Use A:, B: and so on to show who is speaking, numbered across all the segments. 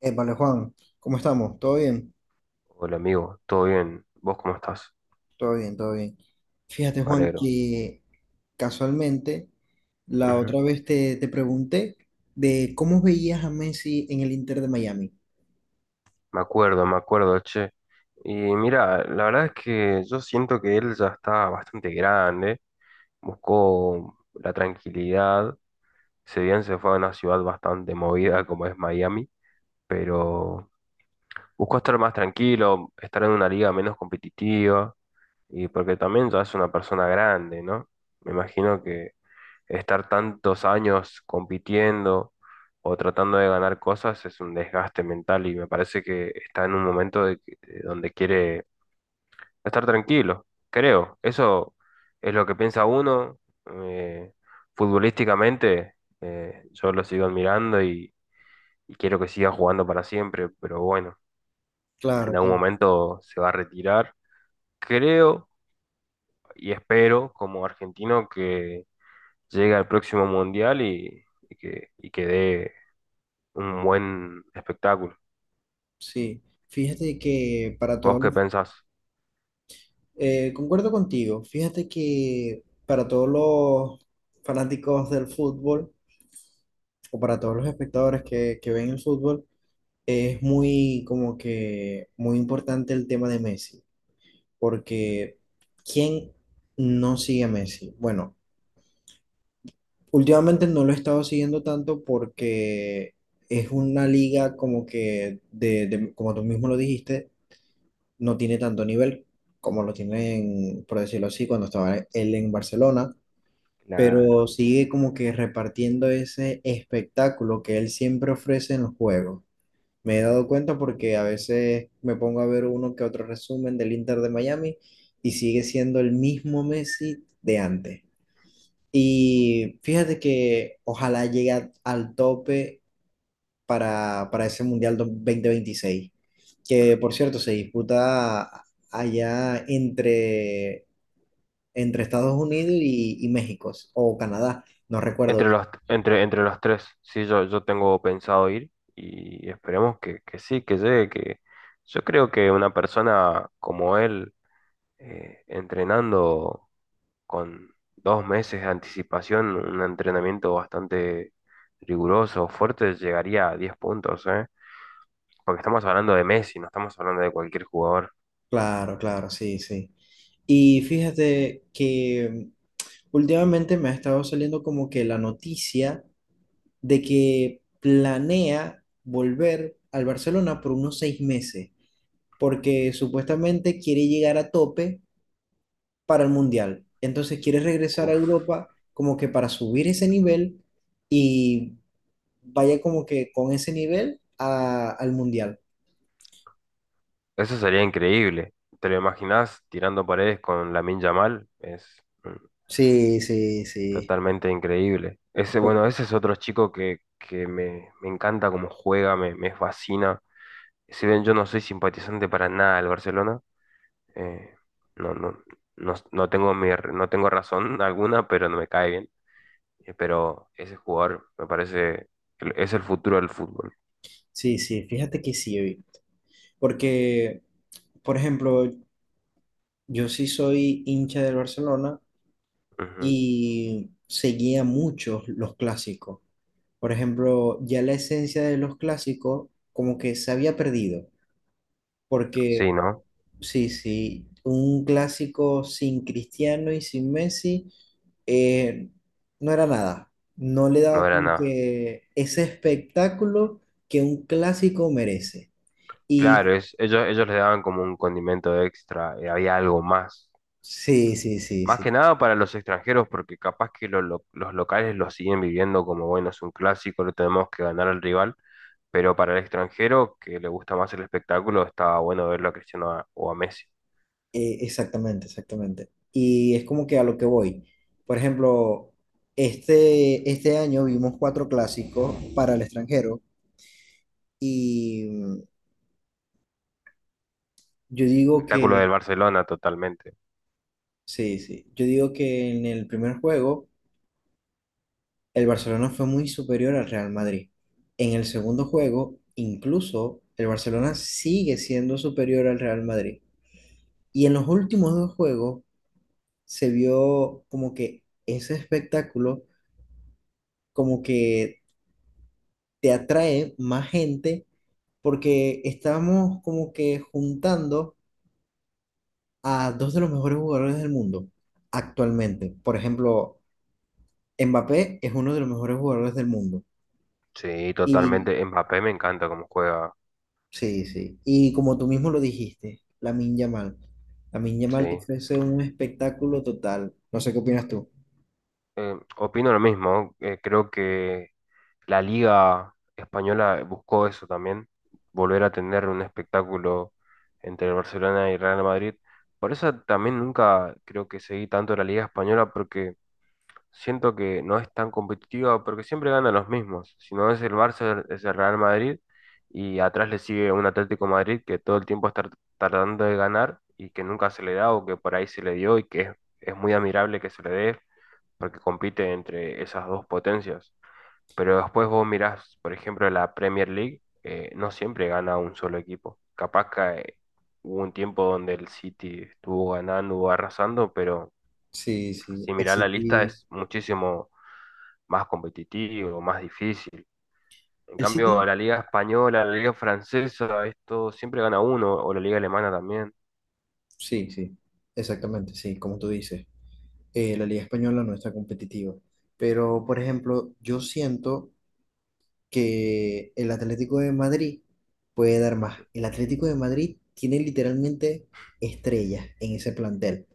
A: Vale, Juan, ¿cómo estamos? ¿Todo bien?
B: Hola amigo, ¿todo bien? ¿Vos cómo estás?
A: Todo bien, todo bien. Fíjate,
B: Me
A: Juan,
B: alegro.
A: que casualmente la
B: Ujú.
A: otra vez te pregunté de cómo veías a Messi en el Inter de Miami.
B: Me acuerdo, che. Y mira, la verdad es que yo siento que él ya está bastante grande, buscó la tranquilidad, si bien se fue a una ciudad bastante movida como es Miami, pero buscó estar más tranquilo, estar en una liga menos competitiva, y porque también ya es una persona grande, ¿no? Me imagino que estar tantos años compitiendo o tratando de ganar cosas es un desgaste mental y me parece que está en un momento de donde quiere estar tranquilo, creo. Eso es lo que piensa uno. eh, Futbolísticamente, yo lo sigo admirando y quiero que siga jugando para siempre, pero bueno, en
A: Claro,
B: algún
A: claro.
B: momento se va a retirar. Creo y espero como argentino que llegue al próximo mundial y, y que dé un buen espectáculo.
A: Sí, fíjate que
B: ¿Vos qué pensás?
A: concuerdo contigo, fíjate que para todos los fanáticos del fútbol o para todos los espectadores que ven el fútbol, es muy como que muy importante el tema de Messi, porque ¿quién no sigue a Messi? Bueno, últimamente no lo he estado siguiendo tanto porque es una liga como que, como tú mismo lo dijiste, no tiene tanto nivel como lo tienen, por decirlo así, cuando estaba él en Barcelona,
B: Claro.
A: pero sigue como que repartiendo ese espectáculo que él siempre ofrece en los juegos. Me he dado cuenta porque a veces me pongo a ver uno que otro resumen del Inter de Miami y sigue siendo el mismo Messi de antes. Y fíjate que ojalá llegue al tope para ese Mundial 26, que por cierto se disputa allá entre Estados Unidos y México o Canadá, no recuerdo.
B: Entre los tres, sí, yo tengo pensado ir y esperemos que sí, que llegue, que yo creo que una persona como él, entrenando con 2 meses de anticipación, un entrenamiento bastante riguroso, fuerte, llegaría a 10 puntos, ¿eh? Porque estamos hablando de Messi, no estamos hablando de cualquier jugador.
A: Claro, claro, sí, sí. Y fíjate que últimamente me ha estado saliendo como que la noticia de que planea volver al Barcelona por unos 6 meses, porque supuestamente quiere llegar a tope para el Mundial. Entonces quiere regresar a
B: Uf.
A: Europa como que para subir ese nivel y vaya como que con ese nivel al Mundial.
B: Eso sería increíble. ¿Te lo imaginas tirando paredes con Lamine Yamal? Es
A: Sí, sí, sí.
B: totalmente increíble. Ese, bueno, ese es otro chico que me, me encanta cómo juega, me fascina. Si bien yo no soy simpatizante para nada del Barcelona, eh, no, no, no, tengo razón alguna, pero no me cae bien. Pero ese jugador me parece, que es el futuro del fútbol.
A: Sí, sí, fíjate que sí, oí, porque, por ejemplo, yo sí soy hincha del Barcelona,
B: Ujú.
A: y seguía muchos los clásicos. Por ejemplo, ya la esencia de los clásicos como que se había perdido, porque
B: Sí, ¿no?
A: sí, sí, un clásico sin Cristiano y sin Messi, eh, no era nada, no le
B: No
A: daba
B: era
A: como
B: nada.
A: que ese espectáculo que un clásico merece. Y
B: Claro, ellos le daban como un condimento extra, había algo más.
A: sí, sí, sí,
B: Más que
A: sí.
B: nada para los extranjeros, porque capaz que los locales lo siguen viviendo como, bueno, es un clásico, lo tenemos que ganar al rival, pero para el extranjero que le gusta más el espectáculo, estaba bueno verlo a Cristiano o a Messi.
A: Exactamente, exactamente. Y es como que a lo que voy. Por ejemplo, este año vimos cuatro clásicos para el extranjero y yo digo
B: Espectáculo
A: que,
B: del Barcelona, totalmente.
A: sí, sí, yo digo que en el primer juego el Barcelona fue muy superior al Real Madrid. En el segundo juego, incluso el Barcelona sigue siendo superior al Real Madrid. Y en los últimos dos juegos se vio como que ese espectáculo como que te atrae más gente porque estamos como que juntando a dos de los mejores jugadores del mundo actualmente. Por ejemplo, Mbappé es uno de los mejores jugadores del mundo.
B: Sí,
A: Y
B: totalmente. Mbappé me encanta cómo juega,
A: sí, sí. Y como tú mismo lo dijiste, Lamine Yamal. Lamine Yamal te
B: sí.
A: ofrece un espectáculo total. No sé qué opinas tú.
B: Opino lo mismo, creo que la Liga Española buscó eso también, volver a tener un espectáculo entre el Barcelona y Real Madrid. Por eso también nunca creo que seguí tanto la Liga Española porque siento que no es tan competitiva porque siempre ganan los mismos. Si no es el Barça, es el Real Madrid y atrás le sigue un Atlético Madrid que todo el tiempo está tardando de ganar y que nunca se le da o que por ahí se le dio y que es muy admirable que se le dé porque compite entre esas dos potencias. Pero después vos mirás, por ejemplo, la Premier League, no siempre gana un solo equipo. Capaz que hubo un tiempo donde el City estuvo ganando, o arrasando, pero
A: Sí, sí.
B: si
A: El
B: mirás la lista
A: City.
B: es muchísimo más competitivo, más difícil. En
A: El
B: cambio,
A: City.
B: la liga española, la liga francesa, esto siempre gana uno, o la liga alemana también.
A: Sí, sí. Exactamente, sí, como tú dices, la liga española no está competitiva. Pero, por ejemplo, yo siento que el Atlético de Madrid puede dar más.
B: Ujú.
A: El Atlético de Madrid tiene literalmente estrellas en ese plantel,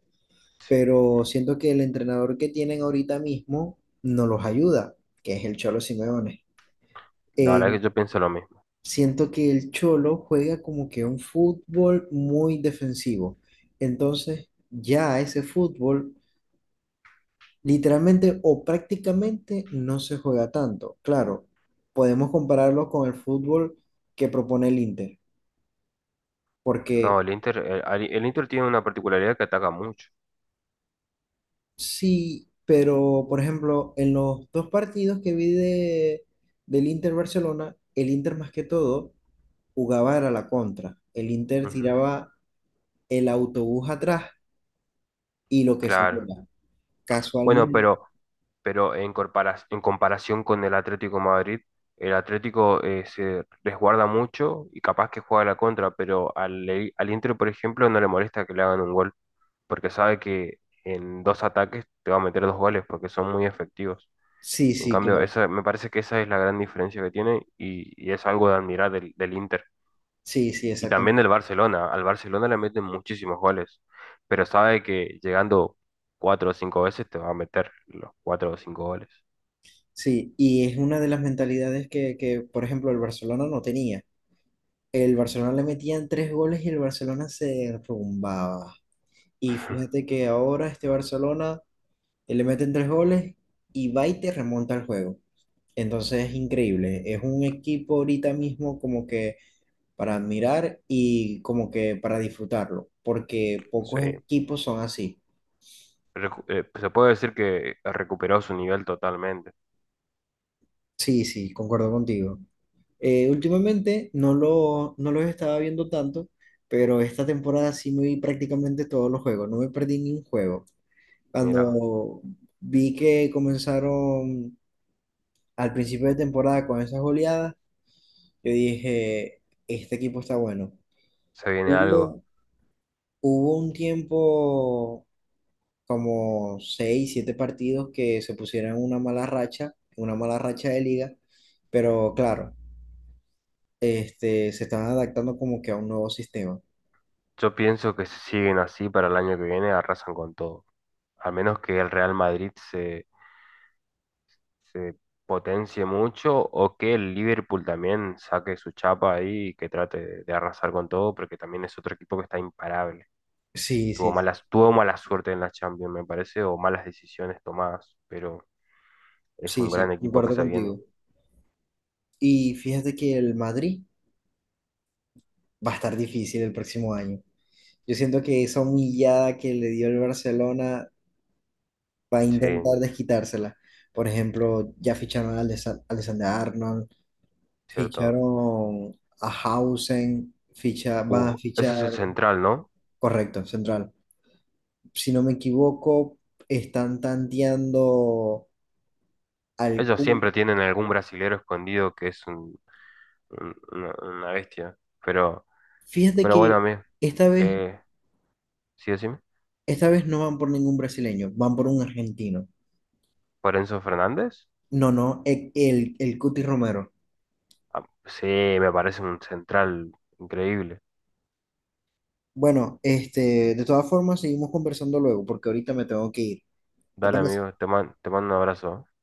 B: Sí,
A: pero siento que el entrenador que tienen ahorita mismo no los ayuda, que es el Cholo Simeone.
B: la verdad
A: Eh,
B: que yo pienso lo mismo.
A: siento que el Cholo juega como que un fútbol muy defensivo. Entonces, ya ese fútbol literalmente o prácticamente no se juega tanto. Claro, podemos compararlo con el fútbol que propone el Inter, porque
B: No, el Inter, el Inter tiene una particularidad que ataca mucho.
A: sí, pero por ejemplo, en los dos partidos que vi del Inter Barcelona, el Inter más que todo jugaba era la contra. El Inter
B: Ujú.
A: tiraba el autobús atrás y lo que
B: Claro.
A: saliera.
B: Bueno,
A: Casualmente.
B: pero en comparación con el Atlético de Madrid, el Atlético se resguarda mucho y capaz que juega a la contra, pero al Inter, por ejemplo, no le molesta que le hagan un gol, porque sabe que en dos ataques te va a meter dos goles porque son muy efectivos.
A: Sí,
B: En
A: sí,
B: cambio,
A: claro.
B: me parece que esa es la gran diferencia que tiene y es algo de admirar del Inter.
A: Sí, sí,
B: Y
A: exactamente.
B: también del Barcelona. Al Barcelona le meten muchísimos goles, pero sabe que llegando cuatro o cinco veces te va a meter los cuatro o cinco goles.
A: Sí, y es una de las mentalidades que, por ejemplo, el Barcelona no tenía. El Barcelona le metían tres goles y el Barcelona se rumbaba. Y fíjate que ahora este Barcelona, le meten tres goles y va y te remonta el juego. Entonces es increíble. Es un equipo ahorita mismo como que para admirar y como que para disfrutarlo, porque
B: Sí,
A: pocos equipos son así.
B: Se puede decir que recuperó su nivel totalmente.
A: Sí, sí, concuerdo contigo. Últimamente no los estaba viendo tanto, pero esta temporada sí me vi prácticamente todos los juegos. No me perdí ni un juego.
B: Mira,
A: Cuando vi que comenzaron al principio de temporada con esas goleadas, yo dije, este equipo está bueno.
B: se viene algo.
A: Hubo, hubo un tiempo como seis, siete partidos que se pusieron en una mala racha de liga, pero claro, este, se estaban adaptando como que a un nuevo sistema.
B: Yo pienso que si siguen así para el año que viene, arrasan con todo. A menos que el Real Madrid se potencie mucho o que el Liverpool también saque su chapa ahí y que trate de arrasar con todo, porque también es otro equipo que está imparable.
A: Sí,
B: Tuvo
A: sí, sí,
B: malas, tuvo mala suerte en la Champions, me parece, o malas decisiones tomadas, pero es
A: sí,
B: un
A: sí,
B: gran equipo que
A: concuerdo
B: se viene.
A: contigo. Y fíjate que el Madrid va a estar difícil el próximo año. Yo siento que esa humillada que le dio el Barcelona va a
B: Sí,
A: intentar desquitársela. Por ejemplo, ya ficharon a Alexander Arnold,
B: cierto.
A: ficharon a Hausen, van a
B: Ese
A: fichar,
B: es el central, ¿no?
A: correcto, central. Si no me equivoco, están tanteando al
B: Ellos
A: Kun.
B: siempre tienen algún brasilero escondido que es una bestia. Pero,
A: Fíjate
B: pero, bueno, a
A: que
B: mí,
A: esta vez,
B: eh, sí, decime.
A: esta vez no van por ningún brasileño, van por un argentino.
B: ¿Por Enzo Fernández?
A: No, no, el Cuti Romero.
B: Ah, sí, me parece un central increíble.
A: Bueno, este, de todas formas, seguimos conversando luego, porque ahorita me tengo que ir. ¿Te
B: Dale,
A: parece?
B: amigo, te mando un abrazo. ¿Eh?